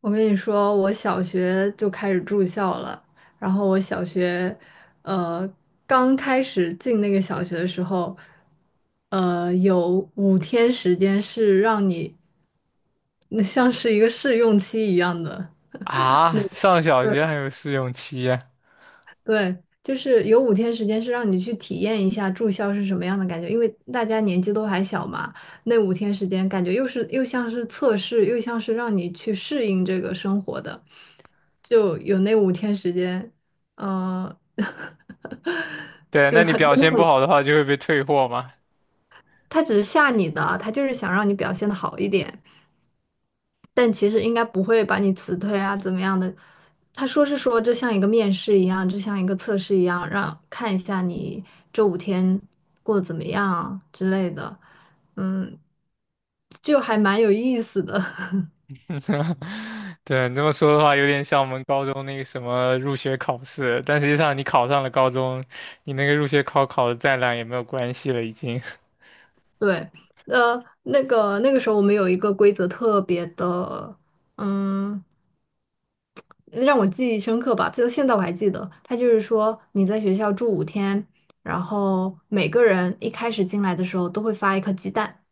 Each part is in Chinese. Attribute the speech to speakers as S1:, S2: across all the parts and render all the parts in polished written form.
S1: 我跟你说，我小学就开始住校了。然后我小学，呃，刚开始进那个小学的时候，有五天时间是让你，那像是一个试用期一样的。
S2: 啊，上小学还有试用期？
S1: 对，就是有五天时间是让你去体验一下住校是什么样的感觉，因为大家年纪都还小嘛，那五天时间感觉又像是测试，又像是让你去适应这个生活的，就有那五天时间，呃，
S2: 对，
S1: 就
S2: 那你
S1: 很真
S2: 表
S1: 的
S2: 现不
S1: 很，
S2: 好的话就会被退货嘛。
S1: 他只是吓你的，他就是想让你表现的好一点。但其实应该不会把你辞退啊，怎么样的？他说是说这像一个面试一样，这像一个测试一样，让看一下你这五天过得怎么样啊之类的，嗯，就还蛮有意思的。
S2: 对，你这么说的话，有点像我们高中那个什么入学考试，但实际上你考上了高中，你那个入学考考的再烂也没有关系了，已经。
S1: 对，那个时候我们有一个规则特别的，嗯，让我记忆深刻吧，就现在我还记得，他就是说你在学校住五天，然后每个人一开始进来的时候都会发一颗鸡蛋。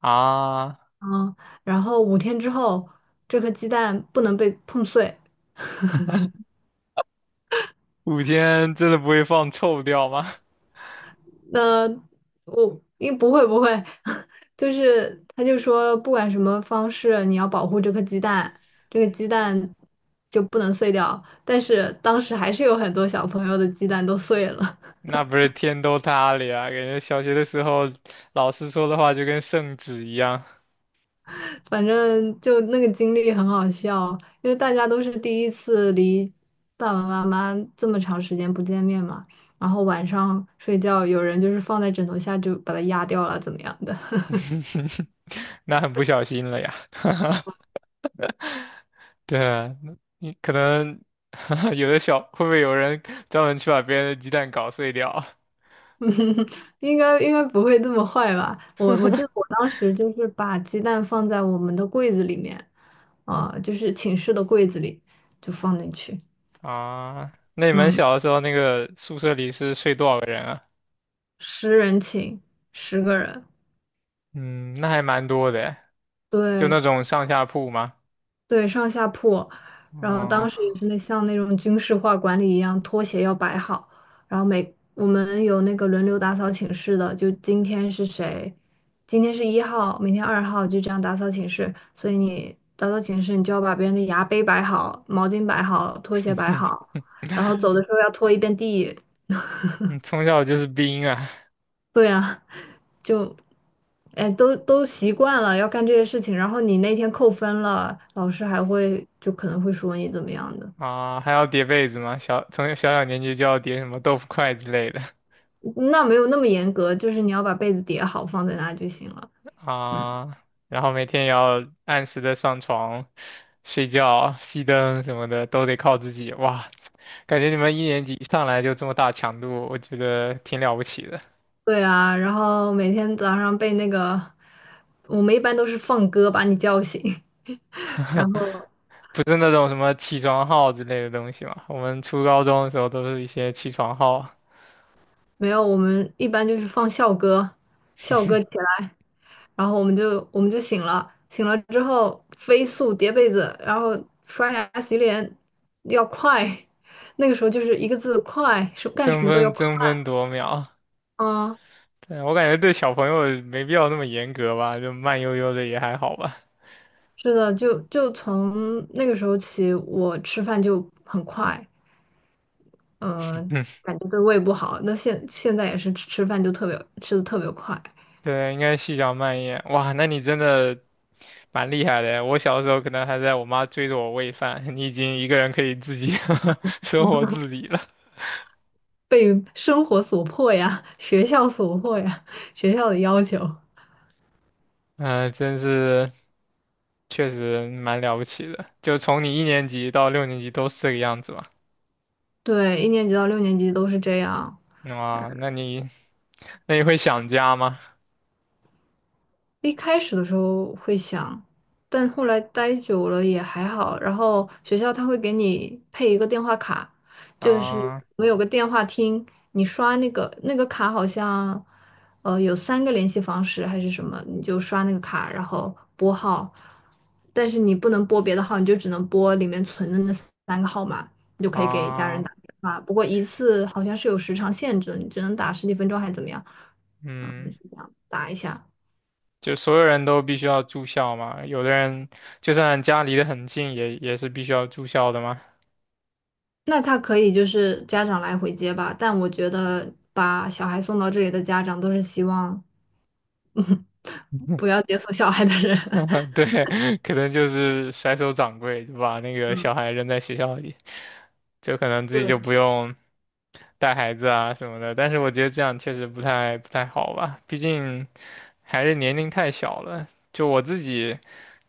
S2: 啊，
S1: 嗯，然后五天之后，这颗鸡蛋不能被碰碎。
S2: 五天真的不会放臭掉吗？
S1: 那我应不会不会，就是他就说，不管什么方式，你要保护这颗鸡蛋，这个鸡蛋就不能碎掉。但是当时还是有很多小朋友的鸡蛋都碎了。
S2: 那不是天都塌了呀，感觉小学的时候老师说的话就跟圣旨一样。
S1: 反正就那个经历很好笑，因为大家都是第一次离爸爸妈妈这么长时间不见面嘛，然后晚上睡觉，有人就是放在枕头下就把它压掉了，怎么样的？
S2: 那很不小心了呀。对啊，你可能 有的小，会不会有人专门去把别人的鸡蛋搞碎掉。
S1: 应该不会这么坏吧？我记得我当时就是把鸡蛋放在我们的柜子里面，啊、就是寝室的柜子里就放进去，
S2: 啊？那你们
S1: 嗯，
S2: 小的时候，那个宿舍里是睡多少个人啊？
S1: 10人寝，10个人。
S2: 嗯，那还蛮多的诶。就
S1: 对，
S2: 那种上下铺吗？
S1: 对，上下铺，然后
S2: 哦。
S1: 当时也是那像那种军事化管理一样，拖鞋要摆好，然后每我们有那个轮流打扫寝室的，就今天是谁，今天是1号，明天2号，就这样打扫寝室。所以你打扫寝室，你就要把别人的牙杯摆好，毛巾摆好，拖鞋摆 好，然后走的时候要拖一遍地。
S2: 你从小就是兵啊。
S1: 对啊，就，哎，都习惯了要干这些事情，然后你那天扣分了，老师还会就可能会说你怎么样的。
S2: 啊，还要叠被子吗？小从小小年纪就要叠什么豆腐块之类的。
S1: 那没有那么严格，就是你要把被子叠好放在那就行了。
S2: 啊，然后每天也要按时的上床、睡觉、熄灯什么的，都得靠自己。哇，感觉你们一年级一上来就这么大强度，我觉得挺了不起的。
S1: 对啊，然后每天早上被那个，我们一般都是放歌把你叫醒，然后
S2: 不是那种什么起床号之类的东西嘛，我们初高中的时候都是一些起床号。
S1: 没有，我们一般就是放校歌，校歌起来，然后我们就醒了，醒了之后飞速叠被子，然后刷牙洗脸要快，那个时候就是一个字快，是干
S2: 争
S1: 什么都要
S2: 分
S1: 快，
S2: 争分夺秒。
S1: 嗯
S2: 对，我感觉对小朋友没必要那么严格吧，就慢悠悠的也还好吧。
S1: 是的，就从那个时候起，我吃饭就很快，嗯、感觉对胃不好。那现在也是吃饭就特别吃的特别快，
S2: 对，应该细嚼慢咽。哇，那你真的蛮厉害的。我小时候可能还在我妈追着我喂饭，你已经一个人可以自己 生活自理了。
S1: 被生活所迫呀，学校所迫呀，学校的要求。
S2: 嗯、真是确实蛮了不起的。就从你一年级到六年级都是这个样子吧？
S1: 对，1年级到6年级都是这样。
S2: 哇，那你那你会想家吗？
S1: 一开始的时候会想，但后来待久了也还好。然后学校他会给你配一个电话卡，就是
S2: 啊。
S1: 我们有个电话厅，你刷那个卡好像，有三个联系方式还是什么，你就刷那个卡，然后拨号，但是你不能拨别的号，你就只能拨里面存的那3个号码，你就可以给家人
S2: 啊，
S1: 打电话。不过一次好像是有时长限制的，你只能打10几分钟还是怎么样？嗯，
S2: 嗯，
S1: 是这样打一下。
S2: 就所有人都必须要住校吗？有的人就算家离得很近也是必须要住校的吗？
S1: 那他可以就是家长来回接吧，但我觉得把小孩送到这里的家长都是希望不 要接送小孩的人。
S2: 对，可能就是甩手掌柜，就把那个小孩扔在学校里，就可能自己
S1: 对
S2: 就不用带孩子啊什么的。但是我觉得这样确实不太好吧，毕竟还是年龄太小了。就我自己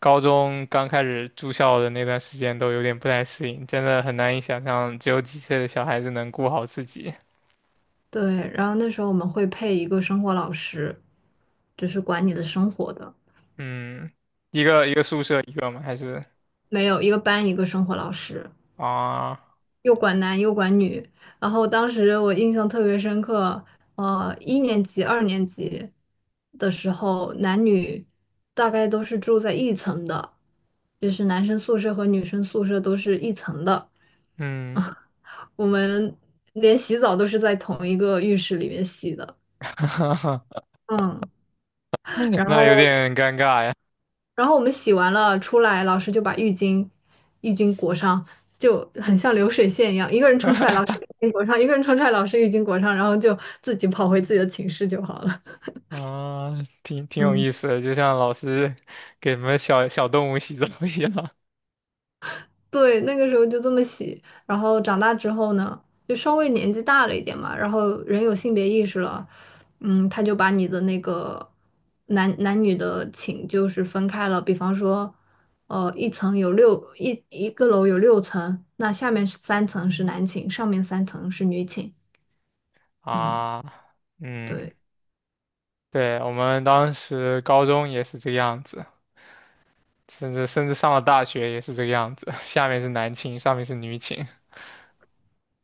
S2: 高中刚开始住校的那段时间都有点不太适应，真的很难以想象只有几岁的小孩子能顾好自己。
S1: 对然后那时候我们会配一个生活老师，就是管你的生活的，
S2: 嗯，一个宿舍一个吗？还是。
S1: 没有一个班一个生活老师，
S2: 啊？
S1: 又管男又管女。然后当时我印象特别深刻，呃，1年级、2年级的时候，男女大概都是住在一层的，就是男生宿舍和女生宿舍都是一层的。
S2: 嗯。
S1: 我们连洗澡都是在同一个浴室里面洗的。嗯，然
S2: 那有
S1: 后
S2: 点尴尬呀。
S1: 然后我们洗完了出来，老师就把浴巾裹上，就很像流水线一样，一个人冲出来，老师 浴巾裹上，一个人冲出来，老师浴巾裹上，然后就自己跑回自己的寝室就好了。
S2: 啊，挺挺有
S1: 嗯。
S2: 意思的，就像老师给什么小小动物洗澡一样。
S1: 对，那个时候就这么洗，然后长大之后呢，就稍微年纪大了一点嘛，然后人有性别意识了，嗯，他就把你的那个男女的寝就是分开了，比方说，一层有一个楼有6层，那下面是三层是男寝，上面三层是女寝，嗯，
S2: 啊。嗯，
S1: 对。
S2: 对，我们当时高中也是这个样子，甚至上了大学也是这个样子。下面是男寝，上面是女寝。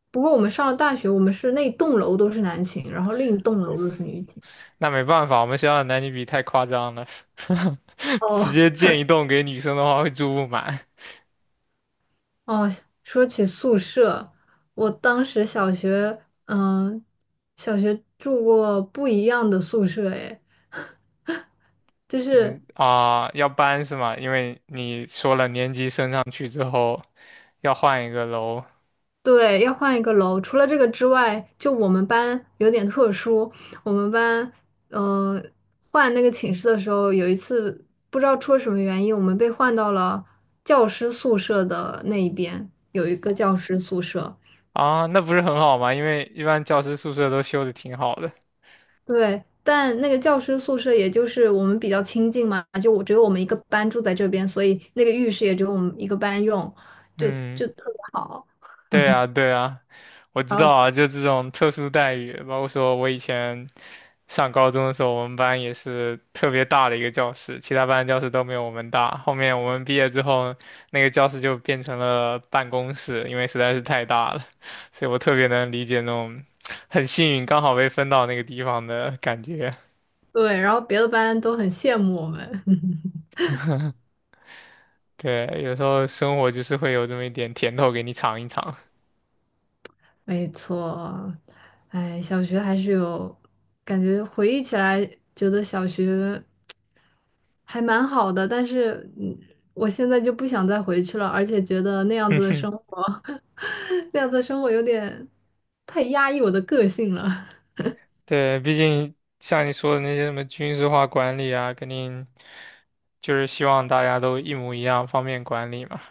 S1: 不过我们上了大学，我们是那栋楼都是男寝，然后另一栋楼都是女寝。
S2: 那没办法，我们学校的男女比太夸张了。直
S1: 哦，
S2: 接建一栋给女生的话会住不满。
S1: 哦，说起宿舍，我当时小学，嗯，小学住过不一样的宿舍，诶，就
S2: 怎么
S1: 是
S2: 啊？要搬是吗？因为你说了年级升上去之后。要换一个楼。
S1: 对，要换一个楼。除了这个之外，就我们班有点特殊，我们班，呃，换那个寝室的时候，有一次不知道出了什么原因，我们被换到了教师宿舍的那一边，有一个教师宿舍。
S2: 啊，那不是很好吗？因为一般教师宿舍都修的挺好的。
S1: 对，但那个教师宿舍也就是我们比较亲近嘛，就我只有我们一个班住在这边，所以那个浴室也只有我们一个班用，就
S2: 嗯，
S1: 就特别好。
S2: 对啊，对啊，我知
S1: 然
S2: 道
S1: 后
S2: 啊，就这种特殊待遇，包括说我以前上高中的时候，我们班也是特别大的一个教室，其他班教室都没有我们大。后面我们毕业之后，那个教室就变成了办公室，因为实在是太大了，所以我特别能理解那种很幸运刚好被分到那个地方的感觉。
S1: 对，然后别的班都很羡慕我们。
S2: 对，有时候生活就是会有这么一点甜头给你尝一尝。
S1: 没错，哎，小学还是有感觉，回忆起来觉得小学还蛮好的，但是嗯，我现在就不想再回去了，而且觉得那样
S2: 哼
S1: 子的
S2: 哼。
S1: 生活，那样子的生活有点太压抑我的个性了。
S2: 对，毕竟像你说的那些什么军事化管理啊，肯定就是希望大家都一模一样，方便管理嘛。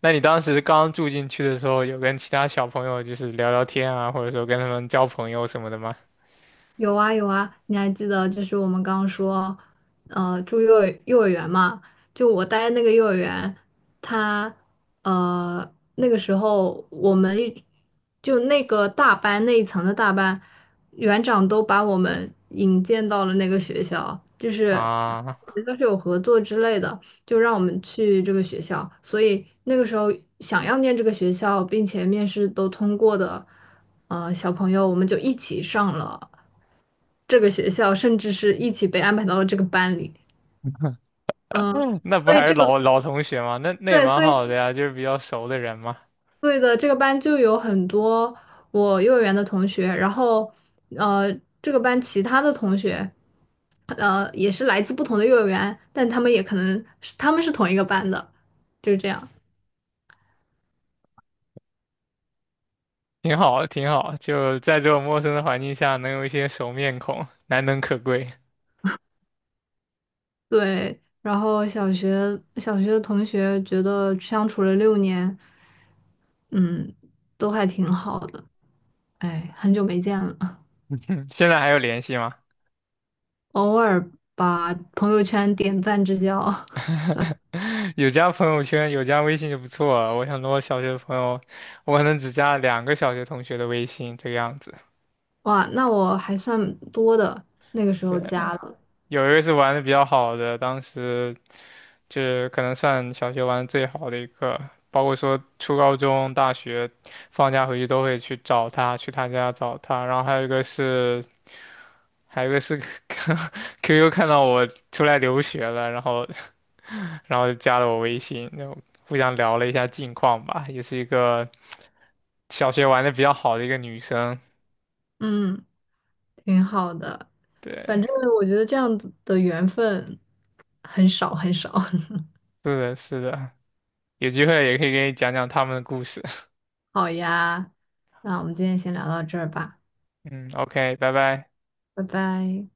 S2: 那你当时刚住进去的时候，有跟其他小朋友就是聊聊天啊，或者说跟他们交朋友什么的吗？
S1: 有啊有啊，你还记得就是我们刚刚说，住幼儿园嘛？就我待的那个幼儿园，他那个时候我们一就那个大班那一层的大班，园长都把我们引荐到了那个学校，就是
S2: 啊。
S1: 都是有合作之类的，就让我们去这个学校。所以那个时候想要念这个学校，并且面试都通过的，小朋友我们就一起上了。这个学校，甚至是一起被安排到了这个班里。嗯，
S2: 那不
S1: 所以
S2: 还是
S1: 这个
S2: 老同学吗？那也
S1: 对，
S2: 蛮
S1: 所以
S2: 好的呀，就是比较熟的人嘛。
S1: 对的，这个班就有很多我幼儿园的同学，然后呃，这个班其他的同学，也是来自不同的幼儿园，但他们是同一个班的，就是这样。
S2: 挺好，挺好。就在这种陌生的环境下，能有一些熟面孔，难能可贵。
S1: 对，然后小学的同学觉得相处了六年，嗯，都还挺好的。哎，很久没见了。
S2: 现在还有联系吗？
S1: 偶尔把朋友圈点赞之交，
S2: 有加朋友圈，有加微信就不错了。我想跟我小学的朋友，我可能只加两个小学同学的微信这个样子。
S1: 哇，那我还算多的，那个时
S2: 对，
S1: 候加了，
S2: 有一个是玩的比较好的，当时就是可能算小学玩的最好的一个，包括说初高中、大学放假回去都会去找他，去他家找他。然后还有一个是还有一个是 QQ 看到我出来留学了，然后就加了我微信，然后互相聊了一下近况吧，也是一个小学玩的比较好的一个女生。
S1: 嗯，挺好的。反正
S2: 对，
S1: 我觉得这样子的缘分很少很少。
S2: 是的，是的，有机会也可以给你讲讲他们的故事。
S1: 好呀，那我们今天先聊到这儿吧，
S2: 嗯，OK,拜拜。
S1: 拜拜。